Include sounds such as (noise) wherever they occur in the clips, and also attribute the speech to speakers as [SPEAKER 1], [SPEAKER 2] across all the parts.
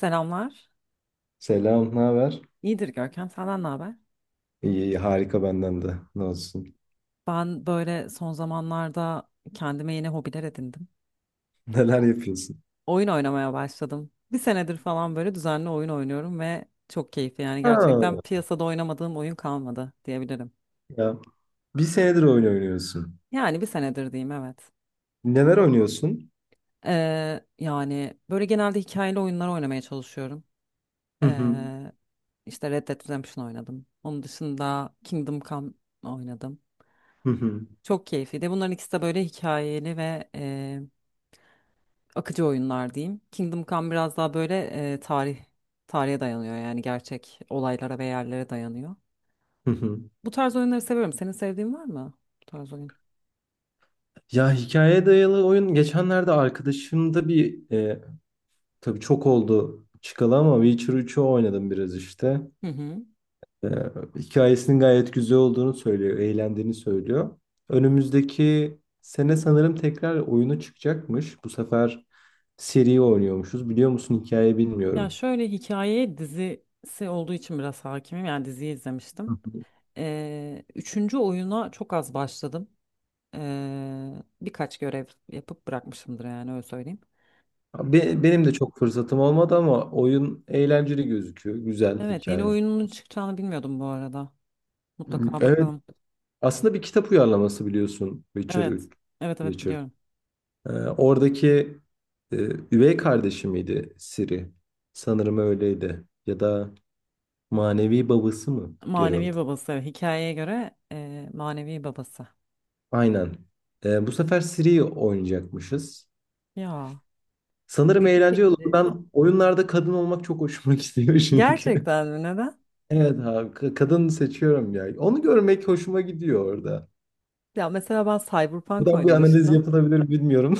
[SPEAKER 1] Selamlar.
[SPEAKER 2] Selam, ne haber?
[SPEAKER 1] İyidir Görkem, senden ne haber?
[SPEAKER 2] İyi, iyi, harika benden de. Ne olsun?
[SPEAKER 1] Ben böyle son zamanlarda kendime yeni hobiler edindim.
[SPEAKER 2] (laughs) Neler
[SPEAKER 1] O-
[SPEAKER 2] yapıyorsun?
[SPEAKER 1] Oyun oynamaya başladım. Bir senedir falan böyle düzenli oyun oynuyorum ve çok keyifli. Yani
[SPEAKER 2] Ha,
[SPEAKER 1] gerçekten piyasada oynamadığım oyun kalmadı diyebilirim.
[SPEAKER 2] ya. Bir senedir oyun oynuyorsun.
[SPEAKER 1] Yani bir senedir diyeyim, evet.
[SPEAKER 2] Neler oynuyorsun?
[SPEAKER 1] Yani böyle genelde hikayeli oyunlar oynamaya çalışıyorum.
[SPEAKER 2] Hı hı,
[SPEAKER 1] Ee, işte Red Dead Redemption oynadım. Onun dışında Kingdom Come oynadım.
[SPEAKER 2] hı hı,
[SPEAKER 1] Çok keyifliydi. Bunların ikisi de böyle hikayeli ve akıcı oyunlar diyeyim. Kingdom Come biraz daha böyle e, tarih tarihe dayanıyor, yani gerçek olaylara ve yerlere dayanıyor.
[SPEAKER 2] hı hı.
[SPEAKER 1] Bu tarz oyunları seviyorum. Senin sevdiğin var mı bu tarz oyun?
[SPEAKER 2] Ya, hikayeye dayalı oyun geçenlerde arkadaşımda bir tabii çok oldu çıkalı ama Witcher üçü oynadım biraz işte.
[SPEAKER 1] Hı hı.
[SPEAKER 2] e, Hikayesinin gayet güzel olduğunu söylüyor, eğlendiğini söylüyor. Önümüzdeki sene sanırım tekrar oyunu çıkacakmış. Bu sefer seri oynuyormuşuz. Biliyor musun, hikayeyi
[SPEAKER 1] Ya
[SPEAKER 2] bilmiyorum.
[SPEAKER 1] şöyle, hikaye dizisi olduğu için biraz hakimim. Yani diziyi
[SPEAKER 2] Hı
[SPEAKER 1] izlemiştim.
[SPEAKER 2] hı.
[SPEAKER 1] Üçüncü oyuna çok az başladım. Birkaç görev yapıp bırakmışımdır yani, öyle söyleyeyim.
[SPEAKER 2] Benim de çok fırsatım olmadı ama oyun eğlenceli gözüküyor. Güzel
[SPEAKER 1] Evet, yeni
[SPEAKER 2] hikaye.
[SPEAKER 1] oyunun çıkacağını bilmiyordum bu arada. Mutlaka
[SPEAKER 2] Evet,
[SPEAKER 1] bakalım.
[SPEAKER 2] aslında bir kitap uyarlaması biliyorsun Witcher
[SPEAKER 1] Evet.
[SPEAKER 2] 3.
[SPEAKER 1] Evet evet,
[SPEAKER 2] Witcher.
[SPEAKER 1] biliyorum.
[SPEAKER 2] Oradaki e, üvey kardeşi miydi Ciri? Sanırım öyleydi. Ya da manevi babası mı
[SPEAKER 1] Manevi
[SPEAKER 2] Geralt?
[SPEAKER 1] babası, evet. Hikayeye göre manevi babası.
[SPEAKER 2] Aynen. Bu sefer Ciri'yi oynayacakmışız.
[SPEAKER 1] Ya.
[SPEAKER 2] Sanırım
[SPEAKER 1] İlgi
[SPEAKER 2] eğlenceli olur.
[SPEAKER 1] çekici.
[SPEAKER 2] Ben oyunlarda kadın olmak çok hoşuma (laughs) gidiyor çünkü.
[SPEAKER 1] Gerçekten mi? Neden?
[SPEAKER 2] Evet abi, kadın seçiyorum ya. Onu görmek hoşuma gidiyor orada.
[SPEAKER 1] Ya mesela ben Cyberpunk
[SPEAKER 2] Buradan bir analiz
[SPEAKER 1] oynamıştım.
[SPEAKER 2] yapılabilir mi bilmiyorum.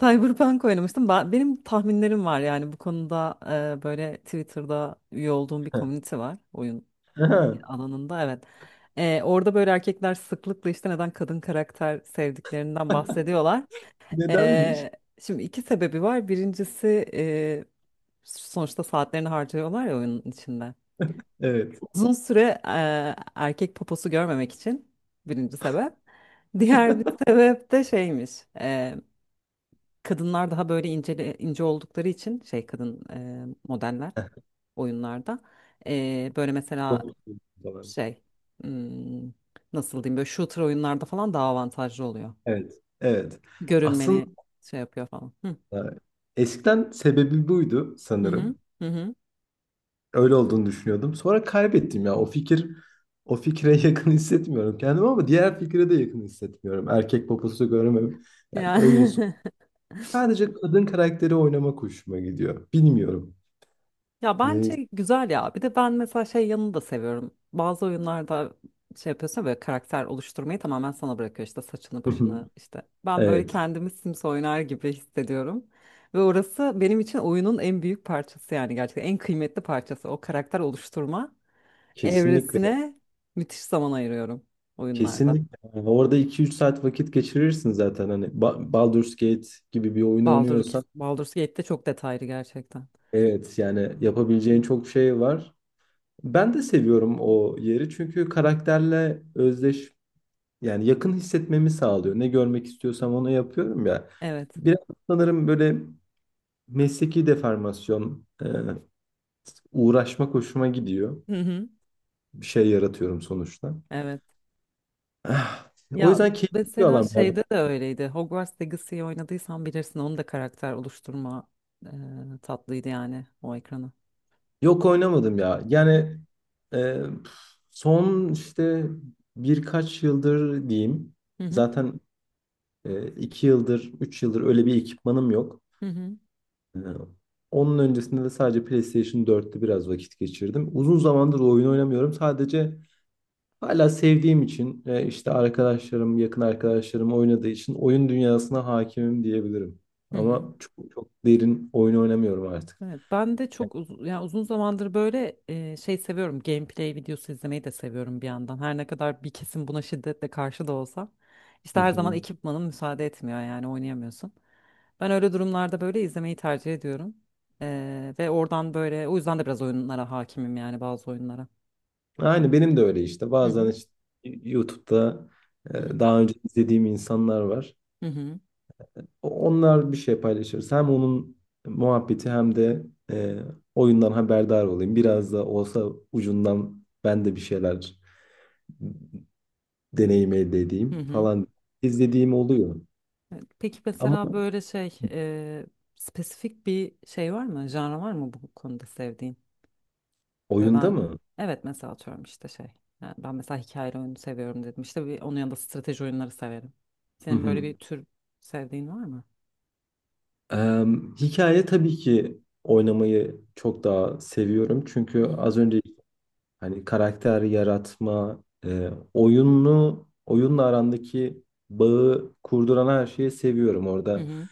[SPEAKER 1] Cyberpunk oynamıştım. Benim tahminlerim var yani bu konuda, böyle Twitter'da üye olduğum bir
[SPEAKER 2] (laughs)
[SPEAKER 1] komünite var oyun
[SPEAKER 2] Aha.
[SPEAKER 1] alanında, evet. E, orada böyle erkekler sıklıkla işte neden kadın karakter sevdiklerinden bahsediyorlar.
[SPEAKER 2] Nedenmiş?
[SPEAKER 1] E, şimdi iki sebebi var. Birincisi, e, sonuçta saatlerini harcıyorlar ya oyunun içinde.
[SPEAKER 2] Evet.
[SPEAKER 1] Uzun süre erkek poposu görmemek için, birinci sebep. Diğer bir sebep de şeymiş. e, Kadınlar daha böyle ince, ince oldukları için şey, kadın modeller oyunlarda. E, böyle mesela
[SPEAKER 2] Doğru söylüyorsun.
[SPEAKER 1] şey, hmm, nasıl diyeyim, böyle shooter oyunlarda falan daha avantajlı oluyor.
[SPEAKER 2] Evet. Evet. Aslında
[SPEAKER 1] Görülmeni şey yapıyor falan. Hı
[SPEAKER 2] e, eskiden sebebi buydu
[SPEAKER 1] hı hı.
[SPEAKER 2] sanırım.
[SPEAKER 1] Hı.
[SPEAKER 2] Öyle olduğunu düşünüyordum. Sonra kaybettim ya. O fikre (laughs) yakın hissetmiyorum kendimi ama diğer fikre de yakın hissetmiyorum. Erkek poposu görmem. Yani oyunsu.
[SPEAKER 1] Yani (laughs)
[SPEAKER 2] Sadece kadın karakteri oynamak hoşuma gidiyor. Bilmiyorum.
[SPEAKER 1] ya
[SPEAKER 2] Neyse.
[SPEAKER 1] bence güzel ya. Bir de ben mesela şey yanını da seviyorum. Bazı oyunlarda şey yapıyorsun ya, böyle karakter oluşturmayı tamamen sana bırakıyor, işte saçını başını
[SPEAKER 2] (laughs)
[SPEAKER 1] işte. Ben böyle
[SPEAKER 2] Evet.
[SPEAKER 1] kendimi Sims oynar gibi hissediyorum. Ve orası benim için oyunun en büyük parçası, yani gerçekten en kıymetli parçası. O karakter oluşturma
[SPEAKER 2] Kesinlikle.
[SPEAKER 1] evresine müthiş zaman ayırıyorum oyunlarda.
[SPEAKER 2] Kesinlikle. Yani orada iki üç saat vakit geçirirsin zaten. Hani Baldur's Gate gibi bir oyun
[SPEAKER 1] Baldur,
[SPEAKER 2] oynuyorsan
[SPEAKER 1] Baldur Gate'de çok detaylı gerçekten.
[SPEAKER 2] evet, yani yapabileceğin çok şey var. Ben de seviyorum o yeri çünkü karakterle özdeş. Yani yakın hissetmemi sağlıyor. Ne görmek istiyorsam onu yapıyorum ya.
[SPEAKER 1] Evet.
[SPEAKER 2] Biraz sanırım böyle mesleki deformasyon, uğraşmak hoşuma gidiyor.
[SPEAKER 1] Hı hı.
[SPEAKER 2] Bir şey yaratıyorum sonuçta.
[SPEAKER 1] Evet.
[SPEAKER 2] Ah, o
[SPEAKER 1] Ya
[SPEAKER 2] yüzden keyifli bir
[SPEAKER 1] mesela
[SPEAKER 2] alan ya bu.
[SPEAKER 1] şeyde de öyleydi. Hogwarts Legacy'yi oynadıysan bilirsin, onun da karakter oluşturma e, tatlıydı yani, o ekranı.
[SPEAKER 2] Yok, oynamadım ya.
[SPEAKER 1] Hı hı.
[SPEAKER 2] Yani e, son işte birkaç yıldır diyeyim.
[SPEAKER 1] Hı hı.
[SPEAKER 2] Zaten 2 yıldır, 3 yıldır öyle bir ekipmanım yok.
[SPEAKER 1] Hı hı.
[SPEAKER 2] Ee, Onun öncesinde de sadece PlayStation 4'te biraz vakit geçirdim. Uzun zamandır oyun oynamıyorum. Sadece hala sevdiğim için, işte arkadaşlarım, yakın arkadaşlarım oynadığı için oyun dünyasına hakimim diyebilirim.
[SPEAKER 1] Hı hı.
[SPEAKER 2] Ama çok, çok derin oyun oynamıyorum artık.
[SPEAKER 1] Evet, ben de
[SPEAKER 2] Ya.
[SPEAKER 1] çok uzun, yani uzun zamandır böyle şey seviyorum. Gameplay videosu izlemeyi de seviyorum bir yandan. Her ne kadar bir kesim buna şiddetle karşı da olsa. İşte
[SPEAKER 2] Hı
[SPEAKER 1] her zaman
[SPEAKER 2] hı.
[SPEAKER 1] ekipmanın müsaade etmiyor, yani oynayamıyorsun. Ben öyle durumlarda böyle izlemeyi tercih ediyorum. E, ve oradan böyle, o yüzden de biraz oyunlara hakimim yani, bazı oyunlara.
[SPEAKER 2] Aynı benim de öyle işte.
[SPEAKER 1] Hı
[SPEAKER 2] Bazen
[SPEAKER 1] hı
[SPEAKER 2] işte YouTube'da, e,
[SPEAKER 1] hı hı
[SPEAKER 2] daha önce izlediğim insanlar var.
[SPEAKER 1] hı hı.
[SPEAKER 2] Onlar bir şey paylaşırız. Hem onun muhabbeti hem de e, oyundan haberdar olayım. Biraz da olsa ucundan ben de bir şeyler deneyim elde
[SPEAKER 1] Hı
[SPEAKER 2] edeyim
[SPEAKER 1] hı.
[SPEAKER 2] falan. İzlediğim oluyor.
[SPEAKER 1] Evet, peki
[SPEAKER 2] Ama
[SPEAKER 1] mesela böyle şey, spesifik bir şey var mı? Janra var mı bu konuda sevdiğin? Böyle
[SPEAKER 2] oyunda
[SPEAKER 1] ben,
[SPEAKER 2] mı?
[SPEAKER 1] evet mesela atıyorum işte şey. Yani ben mesela hikayeli oyunu seviyorum dedim. İşte bir, onun yanında strateji oyunları severim.
[SPEAKER 2] Hı
[SPEAKER 1] Senin böyle
[SPEAKER 2] hı.
[SPEAKER 1] bir tür sevdiğin var mı?
[SPEAKER 2] Hikaye tabii ki oynamayı çok daha seviyorum. Çünkü
[SPEAKER 1] Hı hı.
[SPEAKER 2] az önce hani karakter yaratma, oyunu, oyunla arandaki bağı kurduran her şeyi seviyorum
[SPEAKER 1] Hı
[SPEAKER 2] orada.
[SPEAKER 1] hı.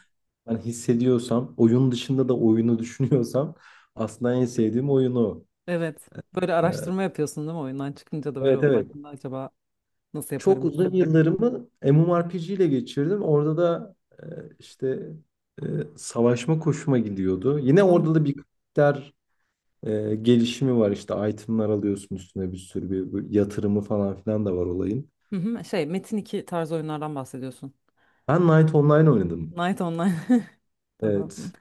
[SPEAKER 2] Ben hissediyorsam, oyun dışında da oyunu (laughs) düşünüyorsam aslında en sevdiğim oyunu.
[SPEAKER 1] Evet. Böyle araştırma yapıyorsun değil mi? Oyundan çıkınca da böyle
[SPEAKER 2] Evet,
[SPEAKER 1] onun
[SPEAKER 2] evet.
[SPEAKER 1] hakkında acaba nasıl
[SPEAKER 2] Çok
[SPEAKER 1] yaparım
[SPEAKER 2] uzun
[SPEAKER 1] falan.
[SPEAKER 2] yıllarımı MMORPG ile geçirdim. Orada da e, işte e, savaşma koşuma gidiyordu.
[SPEAKER 1] E
[SPEAKER 2] Yine
[SPEAKER 1] ben-
[SPEAKER 2] orada da bir karakter gelişimi var. İşte itemlar alıyorsun üstüne bir sürü bir yatırımı falan filan da var olayın.
[SPEAKER 1] hı hı, şey Metin iki tarzı oyunlardan bahsediyorsun.
[SPEAKER 2] Ben Knight Online oynadım.
[SPEAKER 1] Night Online. (laughs) Tamam.
[SPEAKER 2] Evet.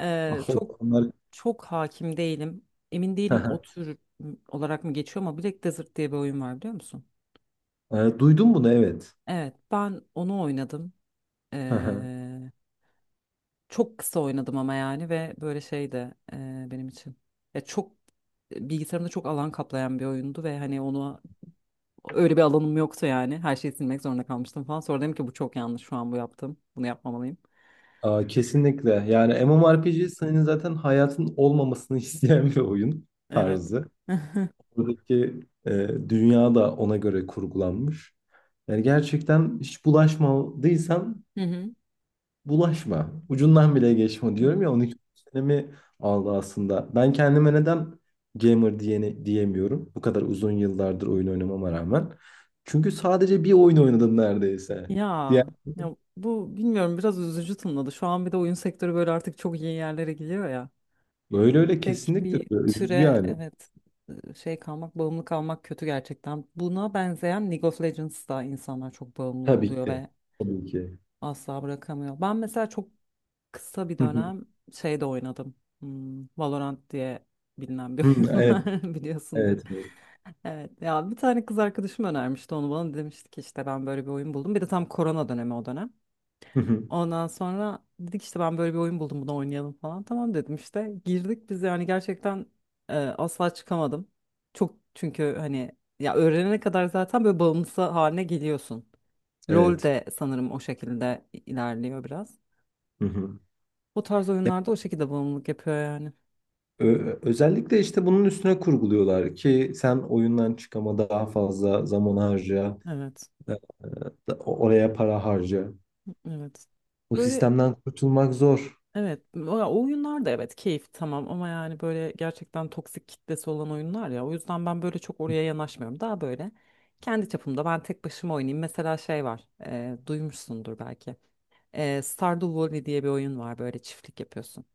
[SPEAKER 2] Ah,
[SPEAKER 1] Çok
[SPEAKER 2] onlar-
[SPEAKER 1] hakim değilim. Emin değilim o
[SPEAKER 2] (laughs)
[SPEAKER 1] tür olarak mı geçiyor, ama Black Desert diye bir oyun var, biliyor musun?
[SPEAKER 2] Duydun bunu evet.
[SPEAKER 1] Evet, ben onu oynadım.
[SPEAKER 2] (laughs)
[SPEAKER 1] Eee, Çok kısa oynadım ama yani, ve böyle şey de benim için. Ya çok bilgisayarımda çok alan kaplayan bir oyundu ve hani onu, öyle bir alanım yoktu yani. Her şeyi silmek zorunda kalmıştım falan. Sonra dedim ki bu çok yanlış, şu an bu yaptım. Bunu yapmamalıyım.
[SPEAKER 2] Aa, kesinlikle. Yani
[SPEAKER 1] Hmm.
[SPEAKER 2] MMORPG senin zaten hayatın olmamasını (laughs) isteyen bir oyun
[SPEAKER 1] Evet.
[SPEAKER 2] tarzı.
[SPEAKER 1] (laughs) Hı
[SPEAKER 2] Buradaki e, dünya da ona göre kurgulanmış. Yani gerçekten hiç bulaşmadıysan
[SPEAKER 1] hı.
[SPEAKER 2] bulaşma. Ucundan bile geçme, diyorum ya,
[SPEAKER 1] Hmm.
[SPEAKER 2] 12 senemi aldı aslında. Ben kendime neden gamer diyemiyorum. Bu kadar uzun yıllardır oyun oynamama rağmen. Çünkü sadece bir oyun oynadım neredeyse. Diğer,
[SPEAKER 1] Ya, ya bu bilmiyorum, biraz üzücü tınladı. Şu an bir de oyun sektörü böyle artık çok iyi yerlere gidiyor ya.
[SPEAKER 2] öyle öyle
[SPEAKER 1] Tek
[SPEAKER 2] kesinlikle
[SPEAKER 1] bir
[SPEAKER 2] öyle. Üzücü
[SPEAKER 1] türe,
[SPEAKER 2] yani.
[SPEAKER 1] evet, şey kalmak, bağımlı kalmak kötü gerçekten. Buna benzeyen League of Legends'da insanlar çok bağımlı
[SPEAKER 2] Tabii
[SPEAKER 1] oluyor
[SPEAKER 2] ki.
[SPEAKER 1] ve
[SPEAKER 2] Tabii ki.
[SPEAKER 1] asla bırakamıyor. Ben mesela çok kısa bir
[SPEAKER 2] Hı hı.
[SPEAKER 1] dönem şeyde oynadım. Valorant diye bilinen bir
[SPEAKER 2] Hı.
[SPEAKER 1] (laughs) oyun
[SPEAKER 2] Evet,
[SPEAKER 1] var, biliyorsundur.
[SPEAKER 2] evet, evet.
[SPEAKER 1] Evet ya, bir tane kız arkadaşım önermişti onu bana, demişti ki işte ben böyle bir oyun buldum. Bir de tam korona dönemi o dönem.
[SPEAKER 2] Hı hı.
[SPEAKER 1] Ondan sonra dedik işte, ben böyle bir oyun buldum bunu oynayalım falan. Tamam dedim işte. Girdik biz yani, gerçekten asla çıkamadım. Çok, çünkü hani, ya öğrenene kadar zaten böyle bağımlısı haline geliyorsun. LoL
[SPEAKER 2] Evet.
[SPEAKER 1] de sanırım o şekilde ilerliyor biraz.
[SPEAKER 2] Hı hı.
[SPEAKER 1] Bu tarz
[SPEAKER 2] Ya,
[SPEAKER 1] oyunlarda o şekilde bağımlılık yapıyor yani.
[SPEAKER 2] özellikle işte bunun üstüne kurguluyorlar ki sen oyundan çıkama daha fazla zaman harca,
[SPEAKER 1] Evet.
[SPEAKER 2] e, oraya para harca.
[SPEAKER 1] Evet.
[SPEAKER 2] Bu
[SPEAKER 1] Böyle
[SPEAKER 2] sistemden kurtulmak zor.
[SPEAKER 1] evet, o ya oyunlar da evet, keyif tamam ama yani böyle gerçekten toksik kitlesi olan oyunlar ya, o yüzden ben böyle çok oraya yanaşmıyorum. Daha böyle kendi çapımda ben tek başıma oynayayım. Mesela şey var, duymuşsundur belki. E, Stardew Valley diye bir oyun var, böyle çiftlik yapıyorsun.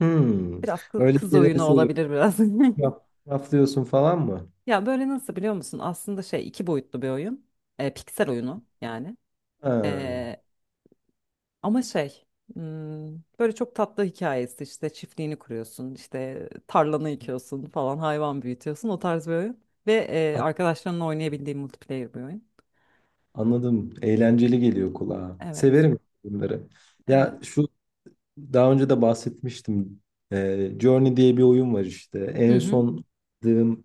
[SPEAKER 2] Hmm.
[SPEAKER 1] Biraz
[SPEAKER 2] Öyle
[SPEAKER 1] kız
[SPEAKER 2] şeyleri
[SPEAKER 1] oyunu
[SPEAKER 2] seviyorum.
[SPEAKER 1] olabilir biraz. (laughs)
[SPEAKER 2] Raflıyorsun falan mı?
[SPEAKER 1] Ya böyle nasıl, biliyor musun? Aslında şey, iki boyutlu bir oyun. E, piksel oyunu yani.
[SPEAKER 2] Ha,
[SPEAKER 1] Ama şey, hmm, böyle çok tatlı hikayesi, işte çiftliğini kuruyorsun, işte tarlanı yıkıyorsun falan, hayvan büyütüyorsun, o tarz bir oyun. Ve
[SPEAKER 2] an-
[SPEAKER 1] arkadaşlarınla oynayabildiğin multiplayer bir oyun.
[SPEAKER 2] anladım. Eğlenceli geliyor kulağa.
[SPEAKER 1] Evet.
[SPEAKER 2] Severim bunları.
[SPEAKER 1] Evet.
[SPEAKER 2] Ya şu Daha önce de bahsetmiştim. Journey diye bir oyun var işte.
[SPEAKER 1] Hı
[SPEAKER 2] En
[SPEAKER 1] hı.
[SPEAKER 2] son aldığım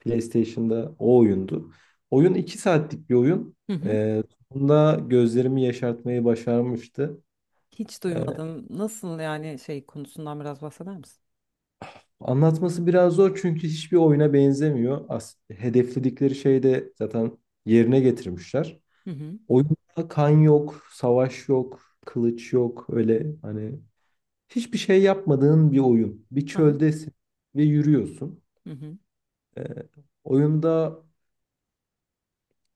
[SPEAKER 2] PlayStation'da o oyundu. Oyun 2 saatlik bir oyun.
[SPEAKER 1] Hı hı.
[SPEAKER 2] Ee, Sonunda gözlerimi yaşartmayı başarmıştı.
[SPEAKER 1] Hiç
[SPEAKER 2] Ee,
[SPEAKER 1] duymadım. Nasıl yani, şey konusundan biraz bahseder misin?
[SPEAKER 2] Anlatması biraz zor çünkü hiçbir oyuna benzemiyor. As hedefledikleri şeyi de zaten yerine getirmişler.
[SPEAKER 1] Hı hı.
[SPEAKER 2] Oyunda kan yok, savaş yok, kılıç yok. Öyle hani hiçbir şey yapmadığın bir oyun. Bir
[SPEAKER 1] Aha.
[SPEAKER 2] çöldesin ve yürüyorsun.
[SPEAKER 1] Hı hı.
[SPEAKER 2] Ee, Oyunda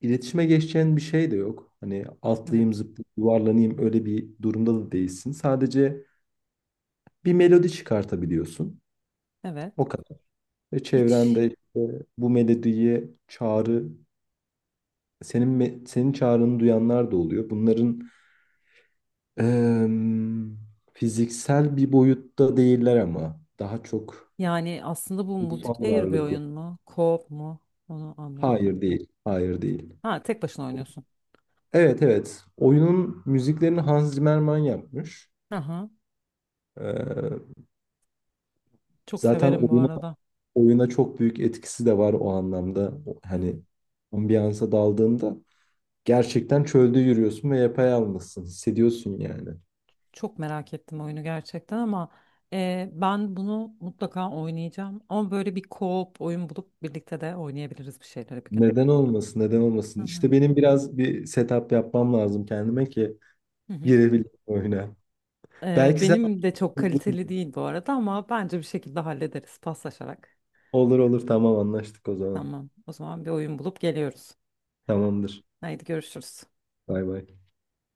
[SPEAKER 2] iletişime geçeceğin bir şey de yok. Hani atlayayım,
[SPEAKER 1] Evet.
[SPEAKER 2] zıplayayım, yuvarlanayım öyle bir durumda da değilsin. Sadece bir melodi çıkartabiliyorsun. O
[SPEAKER 1] Evet.
[SPEAKER 2] kadar. Ve
[SPEAKER 1] Hiç
[SPEAKER 2] çevrende işte bu melodiye çağrı, senin çağrını duyanlar da oluyor. Bunların em, fiziksel bir boyutta değiller ama daha çok
[SPEAKER 1] yani, aslında bu
[SPEAKER 2] ruhsal
[SPEAKER 1] multiplayer bir
[SPEAKER 2] varlıklı.
[SPEAKER 1] oyun mu? Co-op mu? Onu anlayamadım.
[SPEAKER 2] Hayır değil, hayır değil.
[SPEAKER 1] Ha, tek başına oynuyorsun.
[SPEAKER 2] Evet, evet. Oyunun müziklerini Hans Zimmerman yapmış.
[SPEAKER 1] Aha.
[SPEAKER 2] Ee,
[SPEAKER 1] Çok
[SPEAKER 2] Zaten
[SPEAKER 1] severim bu arada.
[SPEAKER 2] oyuna çok büyük etkisi de var o anlamda. Hani
[SPEAKER 1] Evet.
[SPEAKER 2] ambiyansa daldığında gerçekten çölde yürüyorsun ve yapayalnızsın. Hissediyorsun yani.
[SPEAKER 1] Çok merak ettim oyunu gerçekten, ama ben bunu mutlaka oynayacağım. Ama böyle bir co-op oyun bulup birlikte de oynayabiliriz bir şeyleri bir gün.
[SPEAKER 2] Neden olmasın, neden
[SPEAKER 1] Hı
[SPEAKER 2] olmasın?
[SPEAKER 1] hı.
[SPEAKER 2] İşte benim biraz bir setup yapmam lazım kendime ki
[SPEAKER 1] Hı hı.
[SPEAKER 2] girebileyim oyuna. Belki sen
[SPEAKER 1] Benim de çok kaliteli değil bu arada, ama bence bir şekilde hallederiz paslaşarak.
[SPEAKER 2] olur olur, tamam, anlaştık o zaman.
[SPEAKER 1] Tamam, o zaman bir oyun bulup geliyoruz.
[SPEAKER 2] Tamamdır.
[SPEAKER 1] Haydi görüşürüz.
[SPEAKER 2] Bay bay.